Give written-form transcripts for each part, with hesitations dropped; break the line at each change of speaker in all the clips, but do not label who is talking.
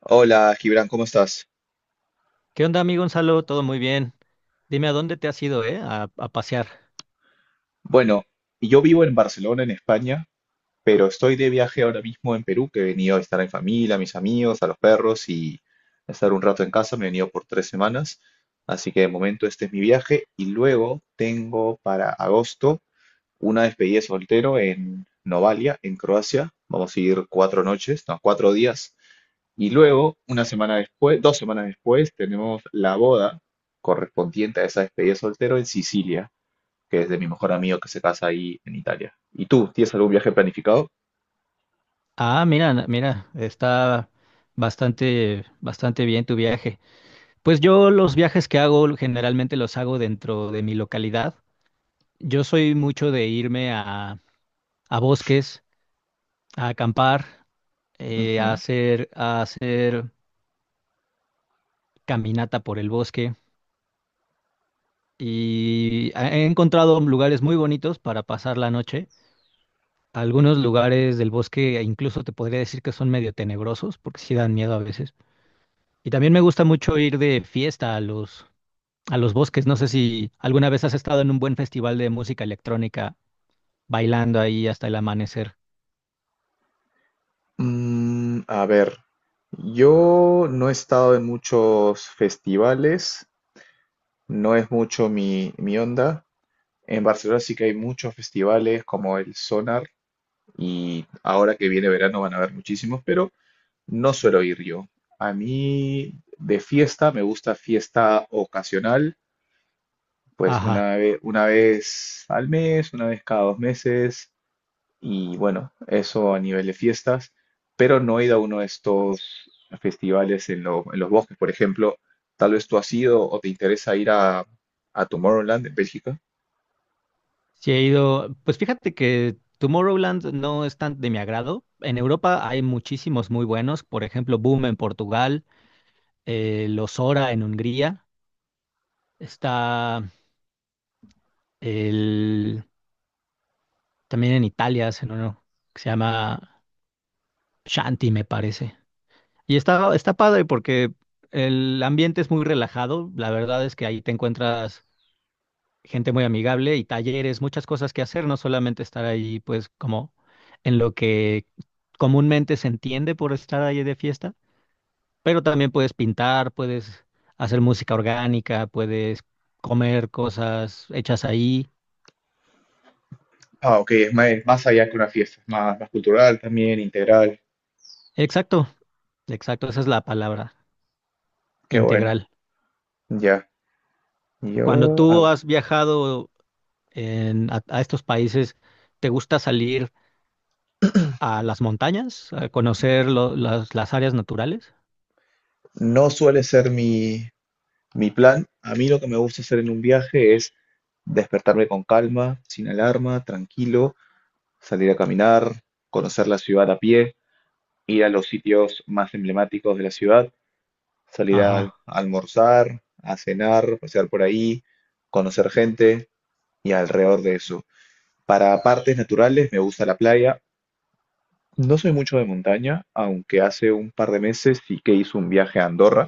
Hola, Gibran, ¿cómo estás?
¿Qué onda, amigo Gonzalo? Todo muy bien. Dime a dónde te has ido, ¿eh? A pasear.
Bueno, yo vivo en Barcelona, en España, pero estoy de viaje ahora mismo en Perú, que he venido a estar en familia, a mis amigos, a los perros y a estar un rato en casa. Me he venido por 3 semanas, así que de momento este es mi viaje y luego tengo para agosto una despedida de soltero en Novalia, en Croacia. Vamos a ir 4 noches, no, 4 días. Y luego, una semana después, 2 semanas después, tenemos la boda correspondiente a esa despedida de soltero en Sicilia, que es de mi mejor amigo que se casa ahí en Italia. ¿Y tú, tienes algún viaje planificado?
Ah, mira, mira, está bastante bien tu viaje. Pues yo los viajes que hago generalmente los hago dentro de mi localidad. Yo soy mucho de irme a bosques, a acampar,
Ujú.
a hacer caminata por el bosque, y he encontrado lugares muy bonitos para pasar la noche. Algunos lugares del bosque e incluso te podría decir que son medio tenebrosos porque sí dan miedo a veces. Y también me gusta mucho ir de fiesta a los bosques. No sé si alguna vez has estado en un buen festival de música electrónica bailando ahí hasta el amanecer.
A ver, yo no he estado en muchos festivales, no es mucho mi onda. En Barcelona sí que hay muchos festivales como el Sonar y ahora que viene verano van a haber muchísimos, pero no suelo ir yo. A mí de fiesta me gusta fiesta ocasional, pues
Ajá.
una vez al mes, una vez cada 2 meses. Y bueno, eso a nivel de fiestas, pero no he ido a uno de estos festivales en los bosques, por ejemplo. Tal vez tú has ido o te interesa ir a Tomorrowland en Bélgica.
Sí he ido. Pues fíjate que Tomorrowland no es tan de mi agrado. En Europa hay muchísimos muy buenos. Por ejemplo, Boom en Portugal, Los Ora en Hungría. Está el También en Italia hacen uno que se llama Shanti, me parece. Y está padre porque el ambiente es muy relajado. La verdad es que ahí te encuentras gente muy amigable y talleres, muchas cosas que hacer, no solamente estar ahí, pues, como en lo que comúnmente se entiende por estar ahí de fiesta, pero también puedes pintar, puedes hacer música orgánica, puedes comer cosas hechas ahí.
Ah, ok, es más, allá que una fiesta, es más cultural también, integral.
Exacto, exacto, esa es la palabra,
Qué bueno.
integral.
Ya,
Cuando
yo a
tú
ver,
has viajado a estos países, ¿te gusta salir a las montañas, a conocer las áreas naturales?
no suele ser mi plan. A mí lo que me gusta hacer en un viaje es despertarme con calma, sin alarma, tranquilo, salir a caminar, conocer la ciudad a pie, ir a los sitios más emblemáticos de la ciudad, salir a
Ajá,
almorzar, a cenar, pasear por ahí, conocer gente y alrededor de eso. Para partes naturales me gusta la playa. No soy mucho de montaña, aunque hace un par de meses sí que hice un viaje a Andorra,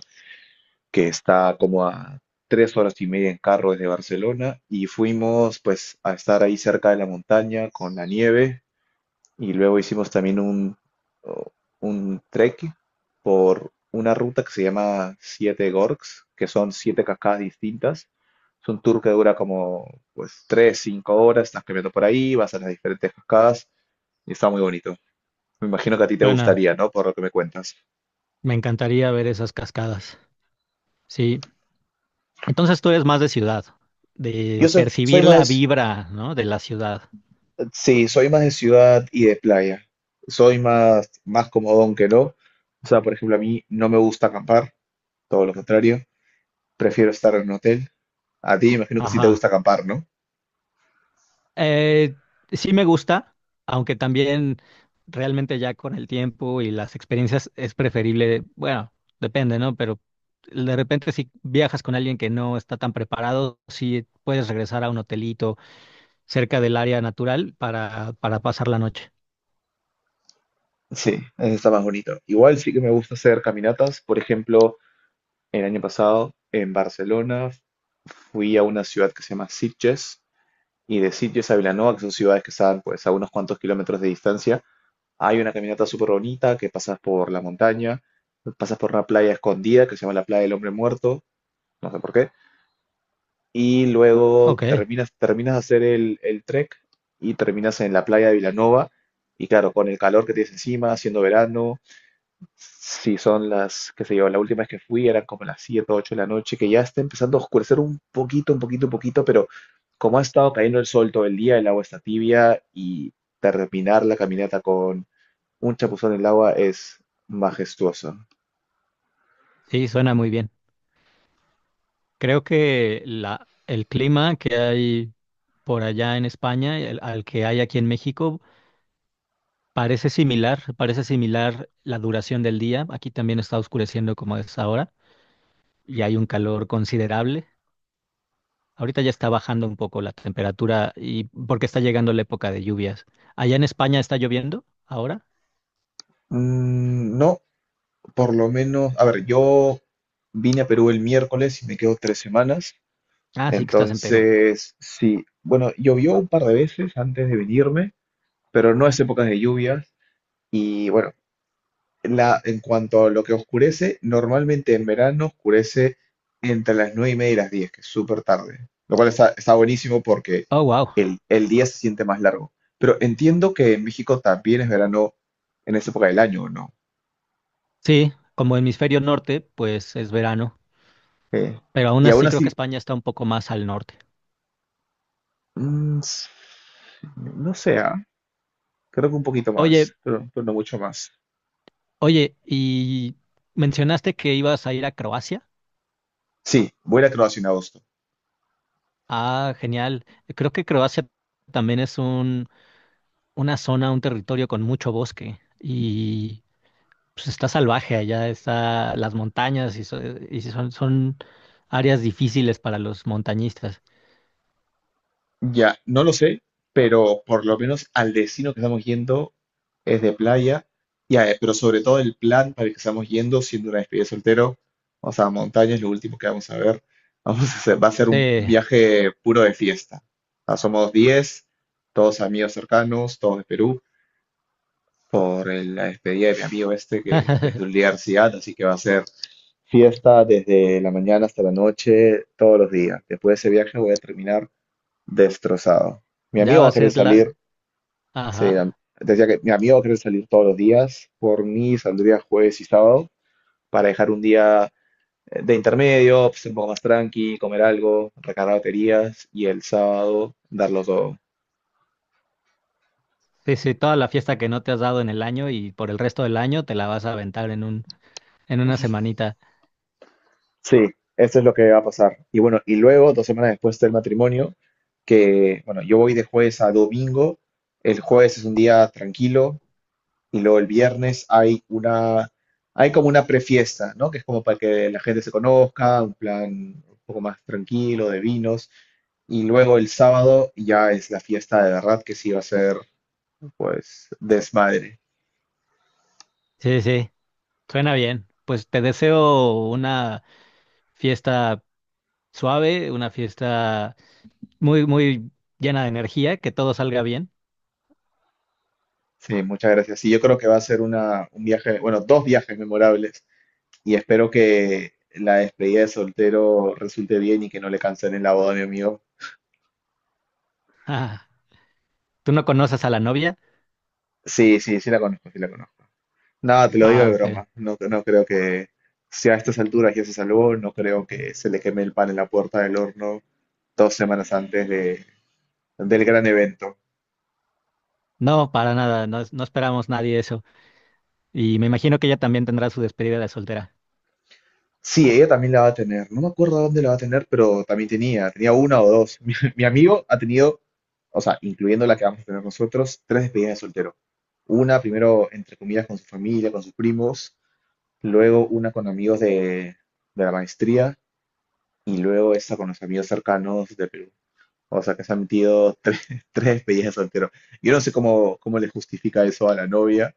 que está como a 3 horas y media en carro desde Barcelona, y fuimos pues a estar ahí cerca de la montaña con la nieve. Y luego hicimos también un trek por una ruta que se llama Siete Gorgs, que son siete cascadas distintas. Es un tour que dura como pues tres, cinco horas, estás caminando por ahí, vas a las diferentes cascadas y está muy bonito. Me imagino que a ti te
suena,
gustaría, ¿no? Por lo que me cuentas.
me encantaría ver esas cascadas. Sí, entonces tú eres más de ciudad,
Yo
de
so- soy,
percibir la
más,
vibra, ¿no?, de la ciudad.
sí, soy más de ciudad y de playa. Soy más comodón que no. O sea, por ejemplo, a mí no me gusta acampar, todo lo contrario. Prefiero estar en un hotel. A ti imagino que sí te
Ajá.
gusta acampar, ¿no?
Eh, sí me gusta, aunque también realmente ya con el tiempo y las experiencias es preferible, bueno, depende, ¿no? Pero de repente si viajas con alguien que no está tan preparado, sí puedes regresar a un hotelito cerca del área natural para pasar la noche.
Sí, eso está más bonito. Igual sí que me gusta hacer caminatas. Por ejemplo, el año pasado en Barcelona fui a una ciudad que se llama Sitges, y de Sitges a Vilanova, que son ciudades que están pues a unos cuantos kilómetros de distancia, hay una caminata súper bonita que pasas por la montaña, pasas por una playa escondida que se llama la Playa del Hombre Muerto, no sé por qué, y luego
Ok,
terminas de hacer el trek y terminas en la playa de Vilanova. Y claro, con el calor que tienes encima, siendo verano, si son qué sé yo, la última vez que fui eran como las 7 o 8 de la noche, que ya está empezando a oscurecer un poquito, un poquito, un poquito, pero como ha estado cayendo el sol todo el día, el agua está tibia y terminar la caminata con un chapuzón en el agua es majestuoso.
sí, suena muy bien. Creo que el clima que hay por allá en España, al que hay aquí en México, parece similar, parece similar la duración del día. Aquí también está oscureciendo como es ahora y hay un calor considerable. Ahorita ya está bajando un poco la temperatura, y porque está llegando la época de lluvias. ¿Allá en España está lloviendo ahora?
No. Por lo menos, a ver, yo vine a Perú el miércoles y me quedo 3 semanas.
Ah, sí que estás en Perú.
Entonces, sí, bueno, llovió un par de veces antes de venirme, pero no es época de lluvias. Y bueno, en cuanto a lo que oscurece, normalmente en verano oscurece entre las nueve y media y las diez, que es súper tarde. Lo cual está, está buenísimo porque
Oh, wow.
el día se siente más largo. Pero entiendo que en México también es verano en esa época del año, ¿no?
Sí, como hemisferio norte, pues es verano,
Eh,
pero aún
y aún
así creo que
así,
España está un poco más al norte.
mm, No sé, creo que un poquito
Oye,
más, pero no mucho más.
oye, y mencionaste que ibas a ir a Croacia.
Sí, voy a ir a Croacia en agosto.
Ah, genial. Creo que Croacia también es un una zona, un territorio con mucho bosque, y pues está salvaje allá, está las montañas y, y son áreas difíciles para los montañistas.
Ya, no lo sé, pero por lo menos al destino que estamos yendo es de playa. Ya, pero sobre todo el plan para el que estamos yendo, siendo una despedida de soltero, vamos a montañas, lo último que vamos a ver. Vamos a hacer, va a ser
Sí,
un viaje puro de fiesta. Ah, somos 10, todos amigos cercanos, todos de Perú, por la despedida de mi amigo este que desde la universidad, así que va a ser fiesta desde la mañana hasta la noche, todos los días. Después de ese viaje voy a terminar destrozado. Mi
ya
amigo
va
va
a
a querer
ser la...
salir,
Ajá.
se- decía que mi amigo va a querer salir todos los días. Por mí saldría jueves y sábado para dejar un día de intermedio, pues, un poco más tranqui, comer algo, recargar baterías y el sábado darlo todo.
Sí, sí, toda la fiesta que no te has dado en el año y por el resto del año te la vas a aventar en en una semanita.
Sí, eso es lo que va a pasar. Y bueno, y luego, 2 semanas después del matrimonio, que bueno, yo voy de jueves a domingo. El jueves es un día tranquilo. Y luego el viernes hay hay como una prefiesta, ¿no? Que es como para que la gente se conozca, un plan un poco más tranquilo de vinos. Y luego el sábado ya es la fiesta de verdad, que sí va a ser, pues, desmadre.
Sí, sí, suena bien. Pues te deseo una fiesta suave, una fiesta muy, muy llena de energía, que todo salga bien.
Sí, muchas gracias. Sí, yo creo que va a ser un viaje, bueno, dos viajes memorables. Y espero que la despedida de soltero resulte bien y que no le cancelen la boda a mi amigo.
¿Tú no conoces a la novia?
Sí, sí, sí la conozco, sí la conozco. No, te lo digo
Ah,
de
ok.
broma. No, no creo que, si a estas alturas ya se salvó, no creo que se le queme el pan en la puerta del horno 2 semanas antes del gran evento.
No, para nada, no, no esperamos nadie eso. Y me imagino que ella también tendrá su despedida de soltera.
Sí, ella también la va a tener. No me acuerdo dónde la va a tener, pero también tenía. Tenía una o dos. Mi amigo ha tenido, o sea, incluyendo la que vamos a tener nosotros, tres despedidas de soltero. Una primero, entre comillas, con su familia, con sus primos. Luego una con amigos de la maestría. Y luego esta con los amigos cercanos de Perú. O sea, que se ha metido tres, tres, despedidas de soltero. Yo no sé cómo le justifica eso a la novia,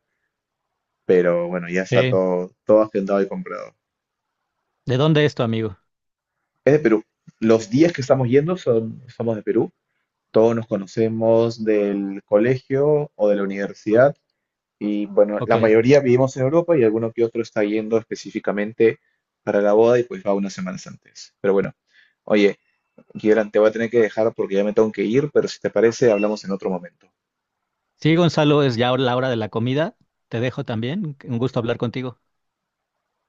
pero bueno, ya está
Eh,
todo agendado y comprado.
¿De dónde es tu amigo?
Es de Perú. Los días que estamos yendo son, somos de Perú. Todos nos conocemos del colegio o de la universidad. Y bueno, la
Ok.
mayoría vivimos en Europa y alguno que otro está yendo específicamente para la boda y pues va unas semanas antes. Pero bueno, oye, Kieran, te voy a tener que dejar porque ya me tengo que ir, pero si te parece, hablamos en otro momento.
Sí, Gonzalo, es ya la hora de la comida. Te dejo también. Un gusto hablar contigo.